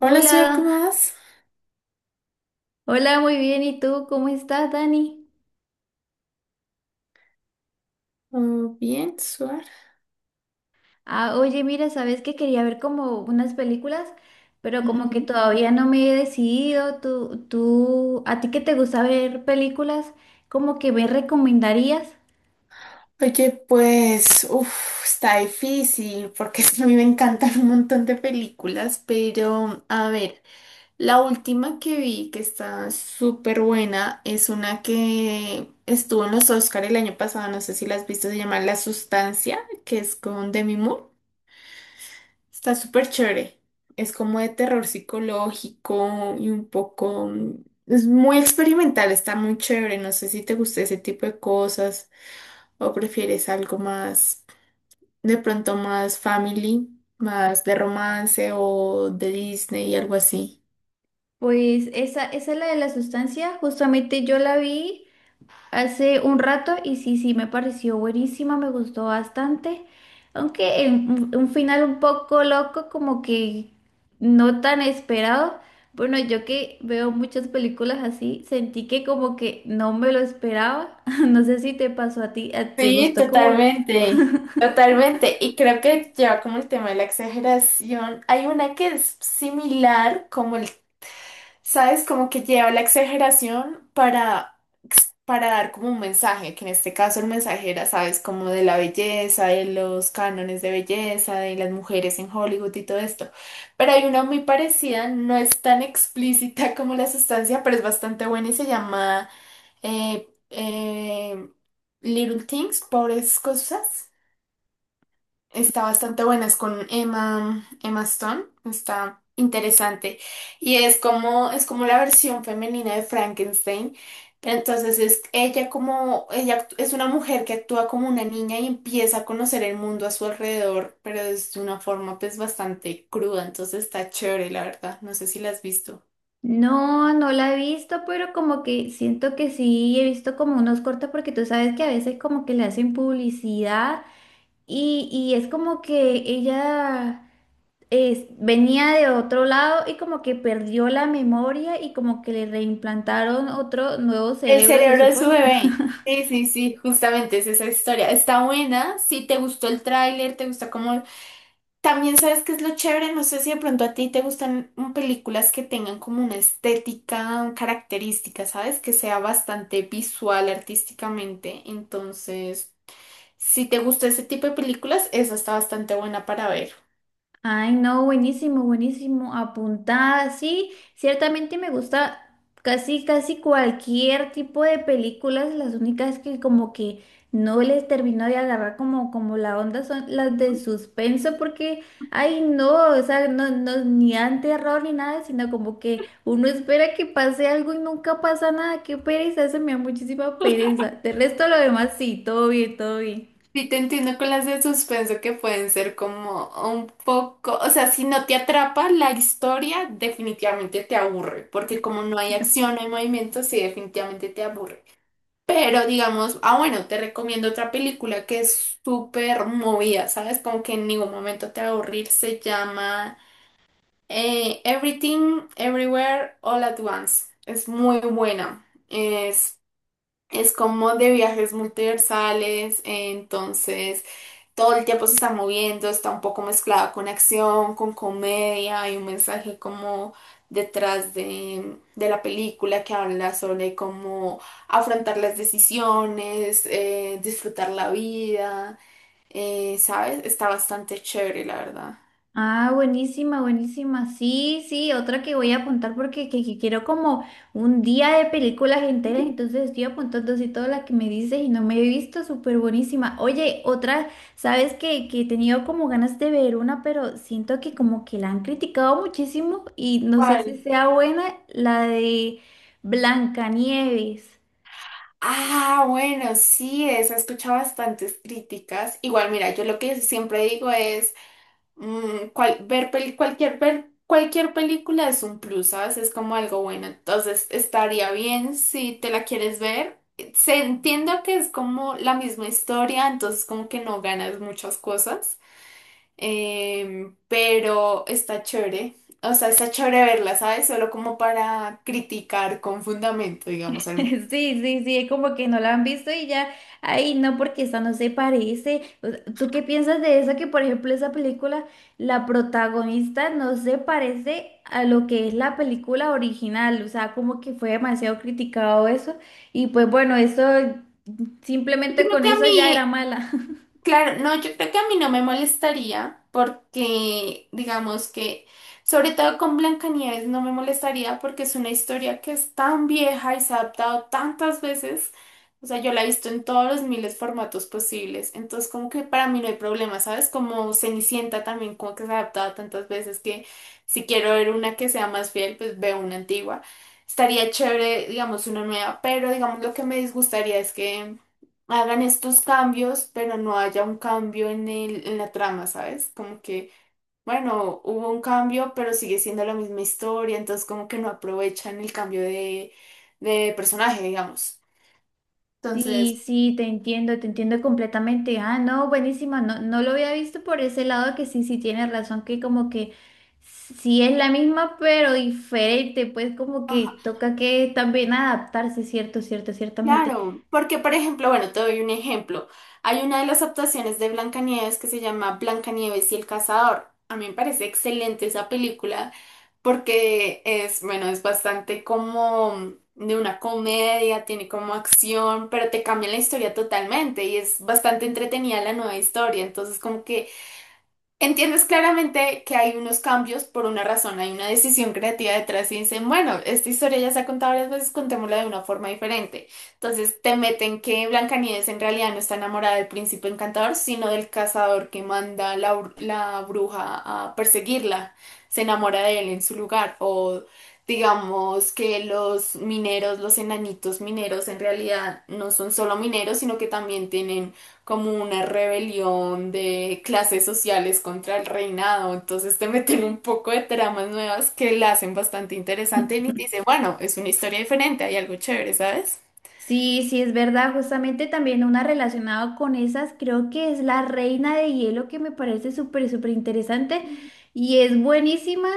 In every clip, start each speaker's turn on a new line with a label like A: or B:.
A: Hola, Suar, ¿cómo vas?
B: hola, muy bien. ¿Y tú cómo estás, Dani?
A: Oh, bien, Suar.
B: Ah, oye, mira, sabes que quería ver como unas películas, pero como que
A: Ujú.
B: todavía no me he decidido. Tú, ¿a ti que te gusta ver películas? ¿Como que me recomendarías?
A: Oye, pues, uf, está difícil porque a mí me encantan un montón de películas, pero a ver, la última que vi que está súper buena es una que estuvo en los Oscar el año pasado, no sé si la has visto, se llama La Sustancia, que es con Demi Moore. Está súper chévere. Es como de terror psicológico y un poco... mm, es muy experimental, está muy chévere. No sé si te gusta ese tipo de cosas o prefieres algo más, de pronto más family, más de romance o de Disney y algo así.
B: Pues esa es la de la sustancia. Justamente yo la vi hace un rato y sí, sí, me pareció buenísima, me gustó bastante, aunque en un final un poco loco, como que no tan esperado. Bueno, yo que veo muchas películas así, sentí que como que no me lo esperaba. No sé si te pasó a ti, ¿te
A: Sí,
B: gustó como...
A: totalmente, totalmente. Y creo que lleva como el tema de la exageración. Hay una que es similar, como el, ¿sabes? Como que lleva la exageración para dar como un mensaje, que en este caso el mensaje era, sabes, como de la belleza, de los cánones de belleza, de las mujeres en Hollywood y todo esto. Pero hay una muy parecida, no es tan explícita como la sustancia, pero es bastante buena y se llama eh, eh, Little Things, Pobres Cosas. Está bastante buena, es con Emma Stone, está interesante. Y es como la versión femenina de Frankenstein. Pero entonces es ella como, es una mujer que actúa como una niña y empieza a conocer el mundo a su alrededor, pero es de una forma pues bastante cruda, entonces está chévere, la verdad. No sé si la has visto.
B: No, no la he visto, pero como que siento que sí, he visto como unos cortos porque tú sabes que a veces como que le hacen publicidad y es como que ella... venía de otro lado y como que perdió la memoria y como que le reimplantaron otro nuevo
A: El
B: cerebro, se
A: cerebro de su
B: supone.
A: bebé. Sí, sí, sí, justamente es esa historia. Está buena, si te gustó el tráiler, te gusta como. También sabes qué es lo chévere, no sé si de pronto a ti te gustan películas que tengan como una estética característica, ¿sabes? Que sea bastante visual artísticamente. Entonces, si te gusta ese tipo de películas, esa está bastante buena para ver.
B: Ay, no, buenísimo, buenísimo. Apuntada, sí, ciertamente me gusta casi, casi cualquier tipo de películas. Las únicas que como que no les termino de agarrar como, como la onda son las de suspenso, porque, ay, no, o sea, no, no, ni dan terror ni nada, sino como que uno espera que pase algo y nunca pasa nada. Qué pereza, eso me da muchísima pereza. De resto, lo demás, sí, todo bien, todo bien.
A: Sí, te entiendo con las de suspenso que pueden ser como un poco, o sea, si no te atrapa la historia, definitivamente te aburre, porque como no hay acción, no hay movimiento, sí, definitivamente te aburre. Pero digamos, ah, bueno, te recomiendo otra película que es súper movida, ¿sabes? Como que en ningún momento te va a aburrir. Se llama Everything, Everywhere, All at Once. Es muy buena. Es como de viajes multiversales, entonces todo el tiempo se está moviendo, está un poco mezclado con acción, con comedia, hay un mensaje como detrás de la película que habla sobre cómo afrontar las decisiones, disfrutar la vida, ¿sabes? Está bastante chévere, la verdad.
B: Ah, buenísima, buenísima. Sí, sí, otra que voy a apuntar porque que quiero como un día de películas enteras, entonces estoy apuntando así todas las que me dices y no me he visto, súper buenísima. Oye, otra, sabes que he tenido como ganas de ver una, pero siento que como que la han criticado muchísimo y no sé si
A: ¿Cuál?
B: sea buena la de Blancanieves.
A: Ah, bueno, sí, eso he escuchado bastantes críticas. Igual, mira, yo lo que siempre digo es... cualquier, ver cualquier película es un plus, ¿sabes? Es como algo bueno. Entonces, estaría bien si te la quieres ver. Se entiendo que es como la misma historia, entonces como que no ganas muchas cosas, pero está chévere. O sea, está chévere verla, ¿sabes? Solo como para criticar con fundamento, digamos. Al menos.
B: Sí, sí, sí, es como que no la han visto y ya, ay, no, porque esa no se parece. O sea, ¿tú qué piensas de eso? Que por ejemplo esa película, la protagonista no se parece a lo que es la película original, o sea, como que fue demasiado criticado eso y pues bueno, eso
A: Yo
B: simplemente
A: creo
B: con
A: que a
B: eso ya era
A: mí
B: mala.
A: Claro, no, yo creo que a mí no me molestaría porque, digamos que, sobre todo con Blancanieves no me molestaría porque es una historia que es tan vieja y se ha adaptado tantas veces. O sea, yo la he visto en todos los miles de formatos posibles. Entonces, como que para mí no hay problema, ¿sabes? Como Cenicienta también, como que se ha adaptado tantas veces que si quiero ver una que sea más fiel, pues veo una antigua. Estaría chévere, digamos, una nueva, pero digamos lo que me disgustaría es que hagan estos cambios, pero no haya un cambio en el, en la trama, ¿sabes? Como que, bueno, hubo un cambio, pero sigue siendo la misma historia, entonces como que no aprovechan el cambio de personaje, digamos. Entonces,
B: Sí, sí, te entiendo completamente. Ah, no, buenísima, no, no lo había visto por ese lado que sí, sí tienes razón, que como que sí es la misma, pero diferente, pues como
A: ajá.
B: que toca que también adaptarse, cierto, cierto, ciertamente.
A: Claro, porque por ejemplo, bueno, te doy un ejemplo. Hay una de las actuaciones de Blancanieves que se llama Blancanieves y el Cazador. A mí me parece excelente esa película porque es, bueno, es bastante como de una comedia, tiene como acción, pero te cambia la historia totalmente y es bastante entretenida la nueva historia. Entonces, como que entiendes claramente que hay unos cambios por una razón, hay una decisión creativa detrás y dicen, bueno, esta historia ya se ha contado varias veces, contémosla de una forma diferente. Entonces te meten que Blancanieves en realidad no está enamorada del príncipe encantador, sino del cazador que manda la, la bruja a perseguirla. Se enamora de él en su lugar. O digamos que los mineros, los enanitos mineros en realidad no son solo mineros, sino que también tienen como una rebelión de clases sociales contra el reinado. Entonces te meten un poco de tramas nuevas que la hacen bastante interesante y te dicen, bueno, es una historia diferente, hay algo chévere, ¿sabes?
B: Sí, sí, es verdad. Justamente también una relacionada con esas, creo que es la Reina de Hielo, que me parece súper, súper interesante y es buenísima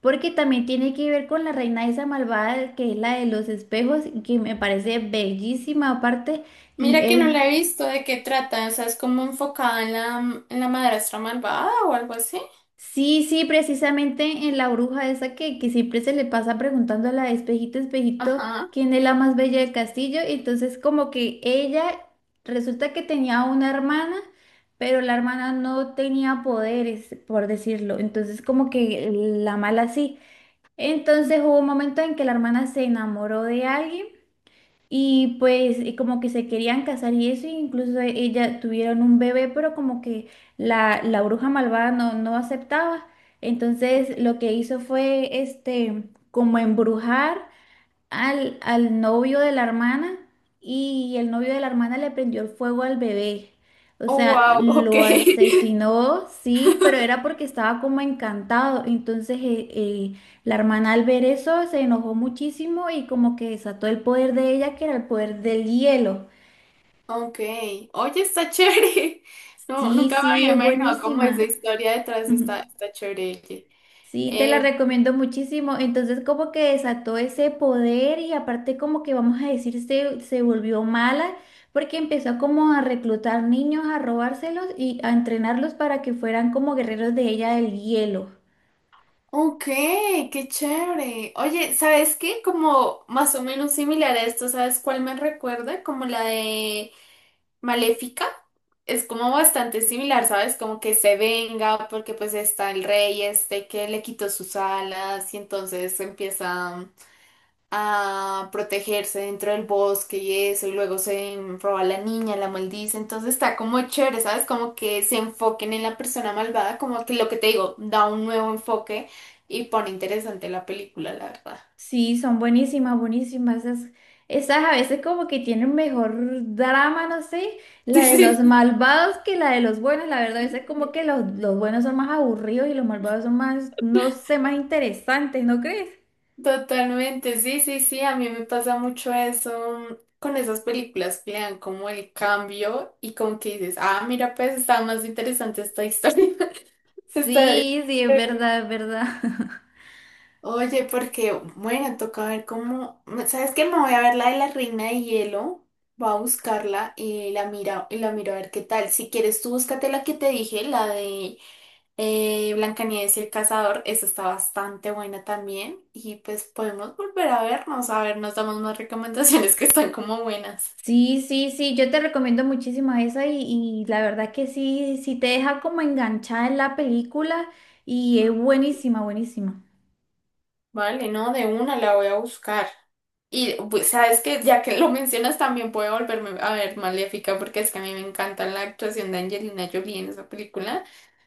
B: porque también tiene que ver con la reina esa malvada que es la de los espejos y que me parece bellísima aparte y
A: Mira que no la he visto, ¿de qué trata? O sea, es como enfocada en la madrastra malvada o algo así.
B: sí, sí, precisamente en la bruja esa que siempre se le pasa preguntando a la espejito, espejito,
A: Ajá.
B: quién es la más bella del castillo. Y entonces como que ella resulta que tenía una hermana, pero la hermana no tenía poderes, por decirlo. Entonces como que la mala sí. Entonces hubo un momento en que la hermana se enamoró de alguien. Y pues y como que se querían casar y eso, e incluso ella tuvieron un bebé, pero como que la bruja malvada no, no aceptaba. Entonces lo que hizo fue este como embrujar al novio de la hermana y el novio de la hermana le prendió el fuego al bebé. O
A: Oh,
B: sea,
A: wow, ok.
B: lo asesinó, sí, pero era porque estaba como encantado. Entonces, la hermana al ver eso se enojó muchísimo y como que desató el poder de ella, que era el poder del hielo.
A: Ok. Oye, está chévere. No,
B: Sí,
A: nunca me
B: sí,
A: había
B: es
A: imaginado cómo es la
B: buenísima.
A: historia detrás está, está chévere.
B: Sí, te la
A: Oye.
B: recomiendo muchísimo. Entonces como que desató ese poder y aparte como que vamos a decir se volvió mala porque empezó como a reclutar niños, a robárselos y a entrenarlos para que fueran como guerreros de ella del hielo.
A: Ok, qué chévere. Oye, ¿sabes qué? Como más o menos similar a esto, ¿sabes cuál me recuerda? Como la de Maléfica. Es como bastante similar, ¿sabes? Como que se venga porque pues está el rey este que le quitó sus alas y entonces empieza a protegerse dentro del bosque y eso, y luego se roba a la niña, la maldice, entonces está como chévere, ¿sabes? Como que se enfoquen en la persona malvada, como que lo que te digo, da un nuevo enfoque y pone interesante la película, la verdad.
B: Sí, son buenísimas, buenísimas. Esas, esas a veces como que tienen mejor drama, no sé, la
A: Sí, sí,
B: de los
A: sí.
B: malvados que la de los buenos. La verdad, a veces como que los buenos son más aburridos y los malvados son más, no sé, más interesantes, ¿no crees?
A: Totalmente, sí, sí, sí, a mí me pasa mucho eso con esas películas que le dan como el cambio y como que dices, ah, mira, pues está más interesante esta historia. Está.
B: Sí, sí, es verdad, es verdad.
A: Oye, porque, bueno, toca ver cómo. ¿Sabes qué? Me voy a ver la de la Reina de Hielo. Voy a buscarla y la miro a ver qué tal. Si quieres, tú búscate la que te dije, la de Blancanieves y el Cazador. Esa está bastante buena también. Y pues podemos volver a vernos, a ver, nos damos más recomendaciones que están como buenas.
B: Sí, sí, sí, yo te recomiendo muchísimo esa y la verdad que sí, sí te deja como enganchada en la película y es buenísima, buenísima.
A: Vale, no, de una la voy a buscar. Y pues, sabes que ya que lo mencionas también puedo volverme a ver Maléfica porque es que a mí me encanta la actuación de Angelina Jolie en esa película.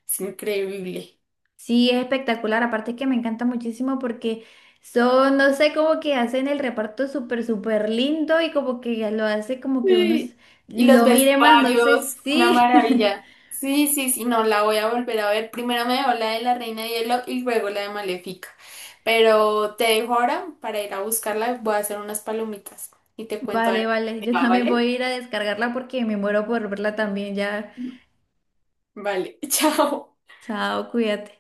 A: Es increíble.
B: Sí, es espectacular, aparte que me encanta muchísimo porque son, no sé, como que hacen el reparto súper, súper lindo y como que ya lo hace como que
A: Sí. Y los
B: lo mire más, no sé,
A: vestuarios, una
B: sí.
A: maravilla. Sí, sí, sí, no, la voy a volver a ver. Primero me veo la de la Reina de Hielo y luego la de Maléfica. Pero te dejo ahora para ir a buscarla. Voy a hacer unas palomitas y te cuento a
B: Vale,
A: ver
B: vale,
A: qué
B: yo
A: va,
B: también
A: ¿vale?
B: voy a ir a descargarla porque me muero por verla también ya.
A: Vale, chao.
B: Chao, cuídate.